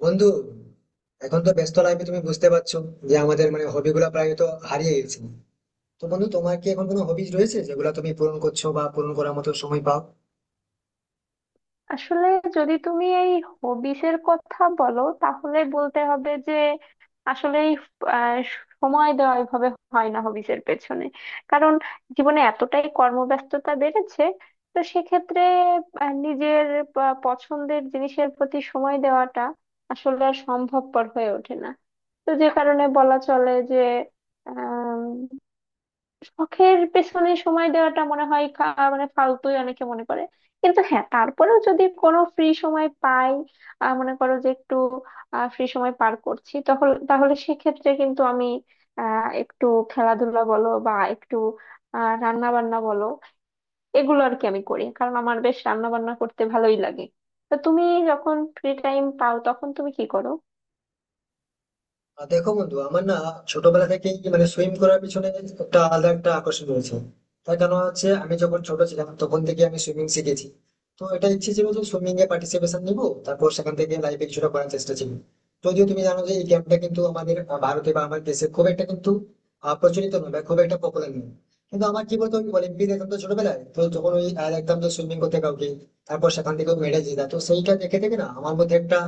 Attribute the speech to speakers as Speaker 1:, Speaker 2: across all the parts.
Speaker 1: বন্ধু, এখন তো ব্যস্ত লাইফে তুমি বুঝতে পারছো যে আমাদের হবি গুলা প্রায় তো হারিয়ে গেছে। তো বন্ধু, তোমার কি এখন কোনো হবিজ রয়েছে যেগুলো তুমি পূরণ করছো বা পূরণ করার মতো সময় পাও?
Speaker 2: আসলে যদি তুমি এই হবিস এর কথা বলো তাহলে বলতে হবে যে আসলে সময় দেওয়া এভাবে হয় না হবিস এর পেছনে। কারণ জীবনে এতটাই কর্মব্যস্ততা বেড়েছে, তো সেক্ষেত্রে নিজের পছন্দের জিনিসের প্রতি সময় দেওয়াটা আসলে আর সম্ভবপর হয়ে ওঠে না। তো যে কারণে বলা চলে যে শখের পেছনে সময় দেওয়াটা মনে হয় মানে ফালতুই অনেকে মনে করে। কিন্তু হ্যাঁ, তারপরেও যদি কোনো ফ্রি সময় পাই, মনে করো যে একটু ফ্রি সময় পার করছি তখন, তাহলে সেক্ষেত্রে কিন্তু আমি একটু খেলাধুলা বলো বা একটু রান্না বান্না বলো, এগুলো আর কি আমি করি। কারণ আমার বেশ রান্না বান্না করতে ভালোই লাগে। তো তুমি যখন ফ্রি টাইম পাও তখন তুমি কি করো?
Speaker 1: আর দেখো বন্ধু, আমার না ছোটবেলা থেকেই সুইম করার পিছনে একটা আলাদা একটা আকর্ষণ রয়েছে। তার কারণ হচ্ছে, আমি যখন ছোট ছিলাম তখন থেকে আমি সুইমিং শিখেছি। তো এটা ইচ্ছে ছিল যে সুইমিং এ পার্টিসিপেশন নিবো, তারপর সেখান থেকে লাইফে কিছুটা করার চেষ্টা ছিল। যদিও তুমি জানো যে এই গেমটা কিন্তু আমাদের ভারতে বা আমার দেশে খুব একটা কিন্তু প্রচলিত নয় বা খুব একটা পপুলার নয়। কিন্তু আমার কি বলতো, অলিম্পিক দেখতাম তো ছোটবেলায়, তো যখন ওই দেখতাম যে সুইমিং করতে কাউকে, তারপর সেখান থেকে মেডেল জেতা, তো সেইটা দেখে দেখে না আমার মধ্যে একটা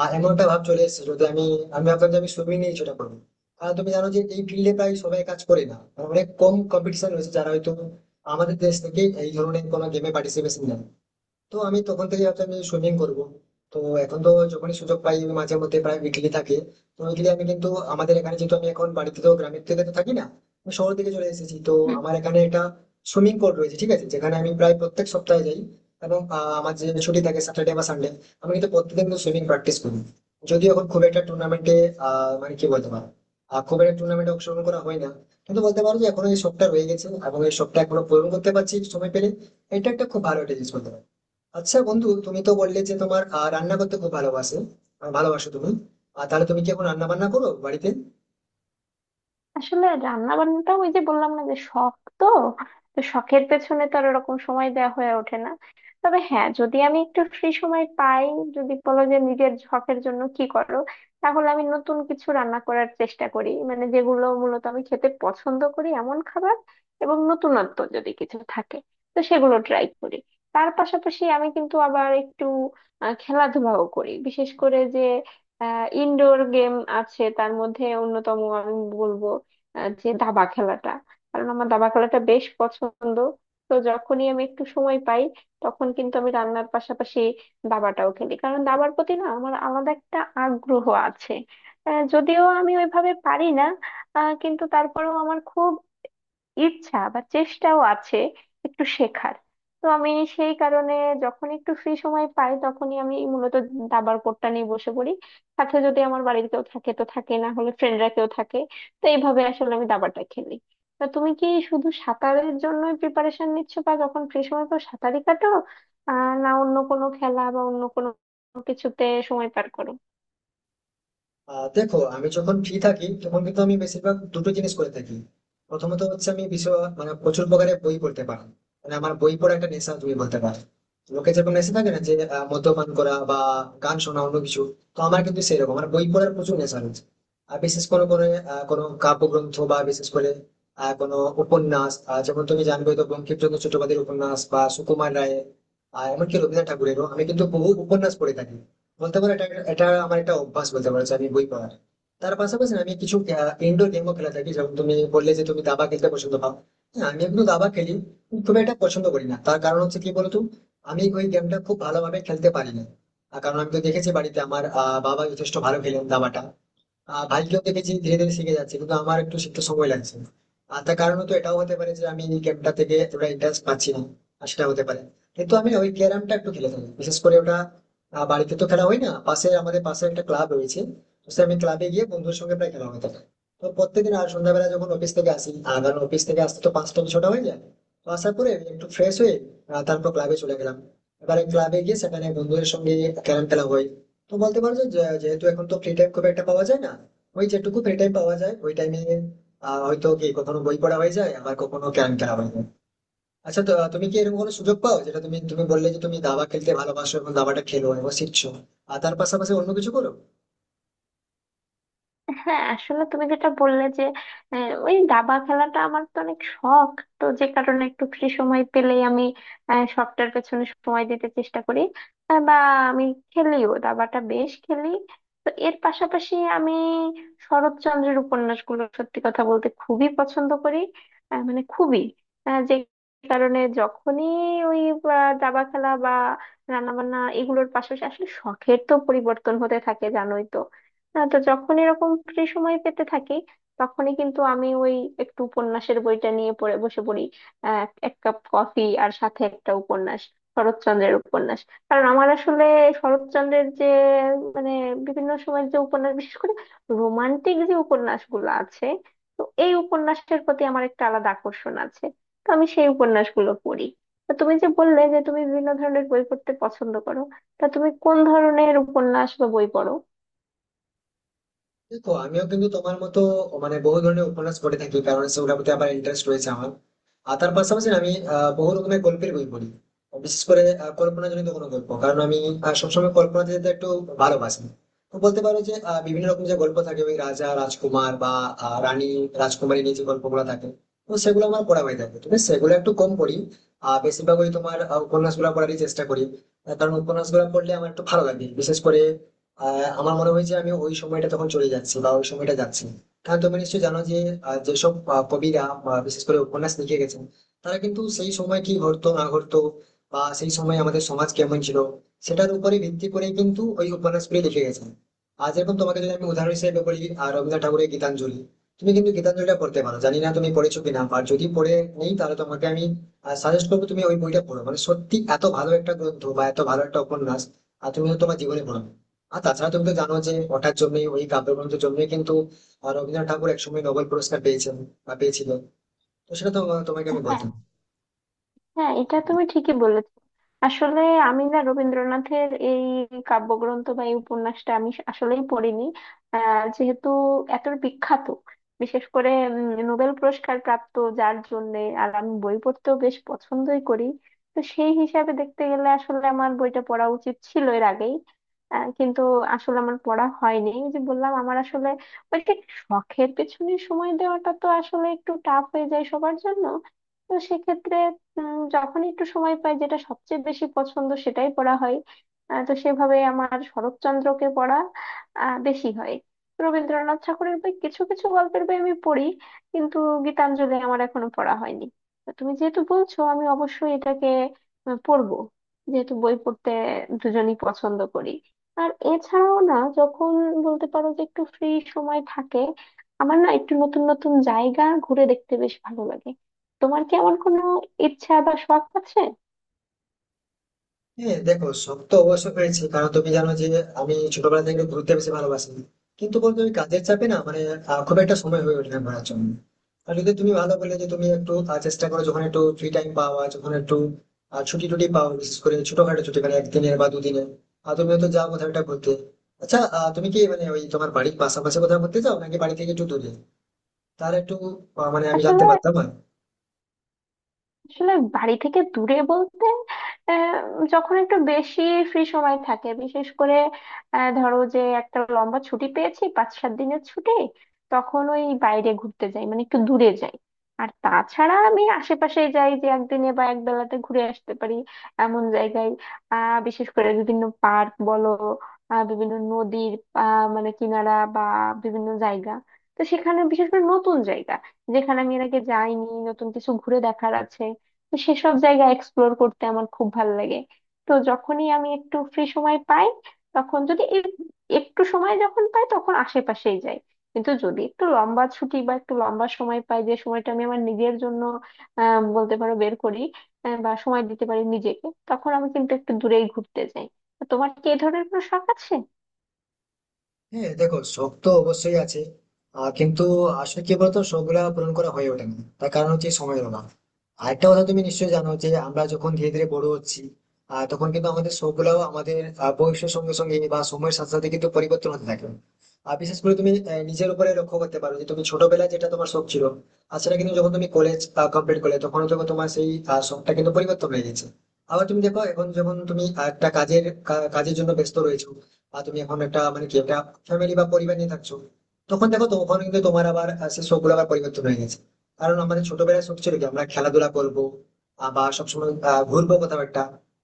Speaker 1: এমন একটা ভাব চলে এসেছে যদি আমি আমি ভাবলাম যে আমি সুইমিং নিয়ে কিছুটা করবো। কারণ তুমি জানো যে এই ফিল্ডে প্রায় সবাই কাজ করে না, অনেক কম কম্পিটিশন রয়েছে, যারা হয়তো আমাদের দেশ থেকে এই ধরনের কোনো গেমে পার্টিসিপেশন নেয়। তো আমি তখন থেকে ভাবছি আমি সুইমিং করব। তো এখন তো যখনই সুযোগ পাই আমি মাঝে মধ্যে প্রায় উইকলি থাকে। তো উইকলি আমি কিন্তু আমাদের এখানে, যেহেতু আমি এখন বাড়িতে তো গ্রামের থেকে তো থাকি না, আমি শহর থেকে চলে এসেছি, তো আমার এখানে একটা সুইমিং পুল রয়েছে, ঠিক আছে, যেখানে আমি প্রায় প্রত্যেক সপ্তাহে যাই। এবং আমার যে ছুটি থাকে স্যাটারডে বা সানডে, আমি কিন্তু প্রত্যেকদিন কিন্তু সুইমিং প্র্যাকটিস করি। যদিও এখন খুব একটা টুর্নামেন্টে, আহ মানে কি বলতে পারো আহ, খুব একটা টুর্নামেন্টে অংশগ্রহণ করা হয় না। কিন্তু বলতে পারো যে এখনো এই শখটা রয়ে গেছে এবং এই শখটা এখনো পূরণ করতে পারছি সময় পেলে। এটা একটা খুব ভালো একটা জিনিস বলতে পারো। আচ্ছা বন্ধু, তুমি তো বললে যে তোমার রান্না করতে খুব ভালোবাসো, ভালোবাসো তুমি। আর তাহলে তুমি কি এখন রান্না বান্না করো বাড়িতে?
Speaker 2: আসলে রান্না বান্নাটাও ওই যে বললাম না যে শখ, তো তো শখের পেছনে তো আর ওরকম সময় দেওয়া হয়ে ওঠে না। তবে হ্যাঁ, যদি আমি একটু ফ্রি সময় পাই, যদি বলো যে নিজের শখের জন্য কি করো, তাহলে আমি নতুন কিছু রান্না করার চেষ্টা করি, মানে যেগুলো মূলত আমি খেতে পছন্দ করি এমন খাবার এবং নতুনত্ব যদি কিছু থাকে তো সেগুলো ট্রাই করি। তার পাশাপাশি আমি কিন্তু আবার একটু খেলাধুলাও করি। বিশেষ করে যে ইনডোর গেম আছে তার মধ্যে অন্যতম আমি বলবো যে দাবা খেলাটা, কারণ আমার দাবা খেলাটা বেশ পছন্দ। তো যখনই আমি একটু সময় পাই তখন কিন্তু আমি রান্নার পাশাপাশি দাবাটাও খেলি, কারণ দাবার প্রতি না আমার আলাদা একটা আগ্রহ আছে। যদিও আমি ওইভাবে পারি না, কিন্তু তারপরেও আমার খুব ইচ্ছা বা চেষ্টাও আছে একটু শেখার। তো আমি সেই কারণে যখন একটু ফ্রি সময় পাই তখনই আমি মূলত দাবার কোর্টটা নিয়ে বসে পড়ি। সাথে যদি আমার বাড়ির কেউ থাকে তো থাকে, না হলে ফ্রেন্ডরা কেউ থাকে। তো এইভাবে আসলে আমি দাবাটা খেলি। তা তুমি কি শুধু সাঁতারের জন্য প্রিপারেশন নিচ্ছ বা যখন ফ্রি সময় পাও সাঁতারই কাটো? না অন্য কোনো খেলা বা অন্য কোনো কিছুতে সময় পার করো?
Speaker 1: দেখো, আমি যখন ফ্রি থাকি তখন কিন্তু আমি বেশিরভাগ দুটো জিনিস করে থাকি। প্রথমত হচ্ছে আমি বিষয় মানে প্রচুর প্রকারের বই পড়তে পারি। মানে আমার বই পড়া একটা নেশা তুমি বলতে পারো। লোকে যেরকম নেশা থাকে না, যে মদ্যপান করা বা গান শোনা অন্য কিছু, তো আমার কিন্তু সেরকম আমার বই পড়ার প্রচুর নেশা রয়েছে। আর বিশেষ করে করে কোনো কাব্যগ্রন্থ বা বিশেষ করে কোনো উপন্যাস, যেমন তুমি জানবে তো বঙ্কিমচন্দ্র চট্টোপাধ্যায়ের উপন্যাস বা সুকুমার রায়ের, এমনকি রবীন্দ্রনাথ ঠাকুরেরও আমি কিন্তু বহু উপন্যাস পড়ে থাকি। বলতে পারো এটা, এটা আমার একটা অভ্যাস বলতে পারো যে আমি বই পড়ার। তার পাশাপাশি না আমি কিছু ইনডোর গেমও খেলে থাকি। যেমন তুমি বললে যে তুমি দাবা খেলতে পছন্দ পাও, হ্যাঁ আমি কিন্তু দাবা খেলি, কিন্তু খুব একটা পছন্দ করি না। তার কারণ হচ্ছে কি বলতো, আমি ওই গেমটা খুব ভালোভাবে খেলতে পারি না। আর কারণ আমি তো দেখেছি বাড়িতে আমার বাবা যথেষ্ট ভালো খেলেন দাবাটা, ভাইকেও দেখেছি ধীরে ধীরে শিখে যাচ্ছে, কিন্তু আমার একটু শিখতে সময় লাগছে। আর তার কারণ তো এটাও হতে পারে যে আমি এই গেমটা থেকে এতটা ইন্টারেস্ট পাচ্ছি না, আর সেটা হতে পারে। কিন্তু আমি ওই ক্যারামটা একটু খেলে থাকি, বিশেষ করে ওটা বাড়িতে তো খেলা হয় না, পাশে আমাদের পাশে একটা ক্লাব রয়েছে, তো সে আমি ক্লাবে গিয়ে বন্ধুর সঙ্গে প্রায় খেলা হয়ে থাকে। তো প্রত্যেকদিন আর সন্ধ্যাবেলা যখন অফিস থেকে আসি, আর কারণ অফিস থেকে আসতে তো পাঁচটা ছটা হয়ে যায়, তো আসার পরে একটু ফ্রেশ হয়ে তারপর ক্লাবে চলে গেলাম, এবারে ক্লাবে গিয়ে সেখানে বন্ধুদের সঙ্গে ক্যারাম খেলা হয়। তো বলতে পারো যে যে- যেহেতু এখন তো ফ্রি টাইম খুব একটা পাওয়া যায় না, ওই যেটুকু ফ্রি টাইম পাওয়া যায় ওই টাইমে হয়তো কি কখনো বই পড়া হয়ে যায়, আবার কখনো ক্যারাম খেলা হয়ে যায়। আচ্ছা, তো তুমি কি এরকম কোনো সুযোগ পাও, যেটা তুমি তুমি বললে যে তুমি দাবা খেলতে ভালোবাসো এবং দাবাটা খেলো এবং শিখছো, আর তার পাশাপাশি অন্য কিছু করো?
Speaker 2: হ্যাঁ আসলে তুমি যেটা বললে যে ওই দাবা খেলাটা আমার তো অনেক শখ, তো যে কারণে একটু ফ্রি সময় পেলেই আমি শখটার পেছনে সময় দিতে চেষ্টা করি। বা আমি খেলিও, দাবাটা বেশ খেলি। তো এর পাশাপাশি আমি শরৎচন্দ্রের উপন্যাসগুলো সত্যি কথা বলতে খুবই পছন্দ করি। মানে খুবই যে কারণে যখনই ওই দাবা খেলা বা রান্না বান্না এগুলোর পাশাপাশি আসলে শখের তো পরিবর্তন হতে থাকে, জানোই তো? না তো, যখন এরকম ফ্রি সময় পেতে থাকি তখনই কিন্তু আমি ওই একটু উপন্যাসের বইটা নিয়ে পড়ে বসে পড়ি। এক কাপ কফি আর সাথে একটা উপন্যাস, শরৎচন্দ্রের উপন্যাস। কারণ আমার আসলে শরৎচন্দ্রের যে মানে বিভিন্ন সময়ের যে উপন্যাস, বিশেষ করে রোমান্টিক যে উপন্যাসগুলো আছে, তো এই উপন্যাসের প্রতি আমার একটা আলাদা আকর্ষণ আছে। তো আমি সেই উপন্যাসগুলো পড়ি। তো তুমি যে বললে যে তুমি বিভিন্ন ধরনের বই পড়তে পছন্দ করো, তা তুমি কোন ধরনের উপন্যাস বা বই পড়ো?
Speaker 1: দেখো আমিও কিন্তু তোমার মতো মানে বহু ধরনের উপন্যাস পড়ে থাকি, কারণ সেগুলোর প্রতি আবার ইন্টারেস্ট রয়েছে আমার। আর তার পাশাপাশি আমি বহু রকমের গল্পের বই পড়ি, বিশেষ করে কল্পনাজনিত কোনো গল্প, কারণ আমি সবসময় কল্পনা যেতে একটু ভালোবাসি। তো বলতে পারো যে বিভিন্ন রকম যে গল্প থাকে ওই রাজা রাজকুমার বা রানী রাজকুমারী নিয়ে যে গল্পগুলো থাকে, তো সেগুলো আমার পড়া হয়ে থাকে, তবে সেগুলো একটু কম পড়ি। আর বেশিরভাগ ওই তোমার উপন্যাস গুলা পড়ারই চেষ্টা করি। কারণ উপন্যাস গুলা পড়লে আমার একটু ভালো লাগে, বিশেষ করে আমার মনে হয়েছে আমি ওই সময়টা তখন চলে যাচ্ছি বা ওই সময়টা যাচ্ছি। কারণ তুমি নিশ্চয়ই জানো যে যেসব কবিরা বা বিশেষ করে উপন্যাস লিখে গেছেন, তারা কিন্তু সেই সময় কি ঘটতো না ঘটতো বা সেই সময় আমাদের সমাজ কেমন ছিল, সেটার উপরে ভিত্তি করে কিন্তু ওই উপন্যাসগুলি লিখে গেছেন। আর যেরকম তোমাকে যদি আমি উদাহরণ হিসেবে বলি, রবীন্দ্রনাথ ঠাকুরের গীতাঞ্জলি, তুমি কিন্তু গীতাঞ্জলিটা পড়তে পারো, জানি না তুমি পড়েছো কিনা, আর যদি পড়ে নেই তাহলে তোমাকে আমি সাজেস্ট করবো তুমি ওই বইটা পড়ো। মানে সত্যি এত ভালো একটা গ্রন্থ বা এত ভালো একটা উপন্যাস, আর তুমি হয়তো তোমার জীবনে পড়ো। আর তাছাড়া তুমি তো জানো যে ওটার জন্যই, ওই কাব্যগ্রন্থের জন্যই কিন্তু রবীন্দ্রনাথ ঠাকুর একসময় নোবেল পুরস্কার পেয়েছেন বা পেয়েছিল, তো সেটা তো তোমাকে আমি
Speaker 2: হ্যাঁ,
Speaker 1: বলতাম।
Speaker 2: হ্যাঁ এটা তুমি ঠিকই বলেছো। আসলে আমি না রবীন্দ্রনাথের এই কাব্যগ্রন্থ বা এই উপন্যাসটা আমি আসলেই পড়িনি। যেহেতু এত বিখ্যাত, বিশেষ করে নোবেল পুরস্কার প্রাপ্ত, যার জন্য আর আমি বই পড়তেও বেশ পছন্দই করি, তো সেই হিসাবে দেখতে গেলে আসলে আমার বইটা পড়া উচিত ছিল এর আগেই। কিন্তু আসলে আমার পড়া হয়নি। এই যে বললাম আমার আসলে ওই যে শখের পেছনে সময় দেওয়াটা তো আসলে একটু টাফ হয়ে যায় সবার জন্য। তো সেক্ষেত্রে যখন একটু সময় পাই, যেটা সবচেয়ে বেশি পছন্দ সেটাই পড়া হয়। তো সেভাবে আমার শরৎচন্দ্রকে পড়া বেশি হয়। রবীন্দ্রনাথ ঠাকুরের বই, কিছু কিছু গল্পের বই আমি পড়ি, কিন্তু গীতাঞ্জলি আমার এখনো পড়া হয়নি। তো তুমি যেহেতু বলছো, আমি অবশ্যই এটাকে পড়বো, যেহেতু বই পড়তে দুজনই পছন্দ করি। আর এছাড়াও না যখন বলতে পারো যে একটু ফ্রি সময় থাকে, আমার না একটু নতুন নতুন জায়গা ঘুরে দেখতে বেশ ভালো লাগে। তোমার কি এমন কোনো ইচ্ছা বা শখ আছে?
Speaker 1: হ্যাঁ দেখো, শখ তো অবশ্যই পেয়েছি, কারণ তুমি জানো যে আমি ছোটবেলা থেকে একটু ঘুরতে বেশি ভালোবাসি। কিন্তু বলতো ওই কাজের চাপে না, মানে খুব একটা সময় হয়ে ওঠে না ঘোরার জন্য। আর যদি তুমি ভালো বলে যে তুমি একটু চেষ্টা করো যখন একটু ফ্রি টাইম পাওয়া, যখন একটু ছুটি টুটি পাও, বিশেষ করে ছোটখাটো ছুটি মানে একদিনের বা দুদিনের, আর তুমি হয়তো যাও কোথাও একটা ঘুরতে। আচ্ছা, তুমি কি মানে ওই তোমার বাড়ির পাশাপাশি কোথাও ঘুরতে যাও, নাকি বাড়ি থেকে একটু দূরে? তাহলে একটু মানে আমি জানতে
Speaker 2: আসলে
Speaker 1: পারতাম আর।
Speaker 2: আসলে বাড়ি থেকে দূরে বলতে, আহ, যখন একটু বেশি ফ্রি সময় থাকে, বিশেষ করে ধরো যে একটা লম্বা ছুটি পেয়েছি, 5-7 দিনের ছুটি, তখন ওই বাইরে ঘুরতে যাই, মানে একটু দূরে যাই। আর তাছাড়া আমি আশেপাশে যাই, যে একদিনে বা এক বেলাতে ঘুরে আসতে পারি এমন জায়গায়। বিশেষ করে বিভিন্ন পার্ক বলো, বিভিন্ন নদীর মানে কিনারা বা বিভিন্ন জায়গা। তো সেখানে বিশেষ করে নতুন জায়গা, যেখানে আমি এর আগে যাইনি, নতুন কিছু ঘুরে দেখার আছে, তো সেসব জায়গা এক্সপ্লোর করতে আমার খুব ভালো লাগে। তো যখনই আমি একটু ফ্রি সময় পাই, তখন যদি একটু সময় যখন পাই তখন আশেপাশেই যাই। কিন্তু যদি একটু লম্বা ছুটি বা একটু লম্বা সময় পাই, যে সময়টা আমি আমার নিজের জন্য বলতে পারো বের করি, বা সময় দিতে পারি নিজেকে, তখন আমি কিন্তু একটু দূরেই ঘুরতে যাই। তো তোমার কি এই ধরনের কোনো শখ আছে?
Speaker 1: হ্যাঁ দেখো, শখ তো অবশ্যই আছে, কিন্তু আসলে কি বলতো, শখ গুলা পূরণ করা হয়ে ওঠে না, তার কারণ হচ্ছে সময়ের অভাব। আরেকটা কথা, তুমি নিশ্চয়ই জানো যে আমরা যখন ধীরে ধীরে বড় হচ্ছি তখন কিন্তু আমাদের শখ গুলাও আমাদের বয়সের সঙ্গে সঙ্গে বা সময়ের সাথে সাথে কিন্তু পরিবর্তন হতে থাকে। আর বিশেষ করে তুমি নিজের উপরে লক্ষ্য করতে পারো যে তুমি ছোটবেলায় যেটা তোমার শখ ছিল, আর সেটা কিন্তু যখন তুমি কলেজ কমপ্লিট করলে তখন তখন তোমার সেই শখটা কিন্তু পরিবর্তন হয়ে গেছে। আবার তুমি দেখো, এখন যখন তুমি একটা কাজের, কাজের জন্য ব্যস্ত রয়েছো বা তুমি এখন একটা মানে কি একটা ফ্যামিলি বা পরিবার নিয়ে থাকছো, তখন দেখো তখন কিন্তু তোমার আবার সেই শখ গুলো আবার পরিবর্তন হয়ে গেছে। কারণ আমাদের ছোটবেলায় শখ ছিল কি আমরা খেলাধুলা করবো বা সবসময় ঘুরবো কোথাও একটা,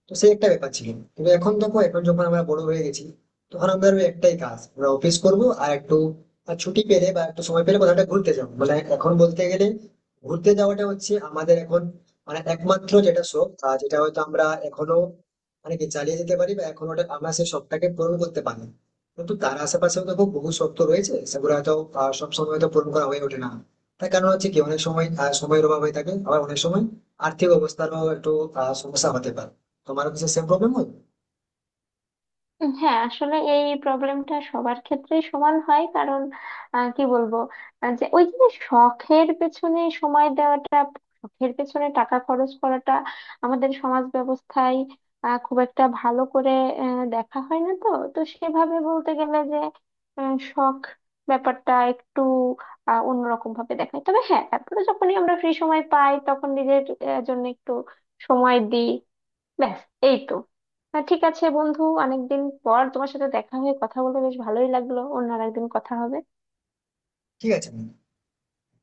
Speaker 1: তো সেই একটা ব্যাপার ছিল। কিন্তু এখন দেখো, এখন যখন আমরা বড় হয়ে গেছি, তখন আমাদের ওই একটাই কাজ, আমরা অফিস করবো আর একটু ছুটি পেলে বা একটু সময় পেলে কোথাও একটা ঘুরতে যাবো। মানে এখন বলতে গেলে ঘুরতে যাওয়াটা হচ্ছে আমাদের এখন মানে একমাত্র যেটা শখ, যেটা হয়তো আমরা এখনো মানে কি চালিয়ে যেতে পারি বা এখন ওটা আমরা সেই শখটাকে পূরণ করতে পারি। কিন্তু তার আশেপাশেও দেখো বহু শখ তো রয়েছে, সেগুলো হয়তো সবসময় হয়তো পূরণ করা হয়ে ওঠে না। তার কারণ হচ্ছে কি, অনেক সময় সময়ের অভাব হয়ে থাকে, আবার অনেক সময় আর্থিক অবস্থারও একটু সমস্যা হতে পারে। তোমারও কিছু সেম প্রবলেম হয়?
Speaker 2: হ্যাঁ আসলে এই প্রবলেমটা সবার ক্ষেত্রেই সমান হয়। কারণ কি বলবো, যে ওই যে শখের পেছনে সময় দেওয়াটা, শখের পেছনে টাকা খরচ করাটা আমাদের সমাজ ব্যবস্থায় খুব একটা ভালো করে দেখা হয় না তো। তো সেভাবে বলতে গেলে যে শখ ব্যাপারটা একটু অন্যরকম ভাবে দেখায়। তবে হ্যাঁ, তারপরে যখনই আমরা ফ্রি সময় পাই তখন নিজের জন্য একটু সময় দিই। ব্যাস, এই তো। ঠিক আছে বন্ধু, অনেকদিন পর তোমার সাথে দেখা হয়ে কথা বলে বেশ ভালোই লাগলো। অন্য আর একদিন কথা হবে।
Speaker 1: ঠিক আছে।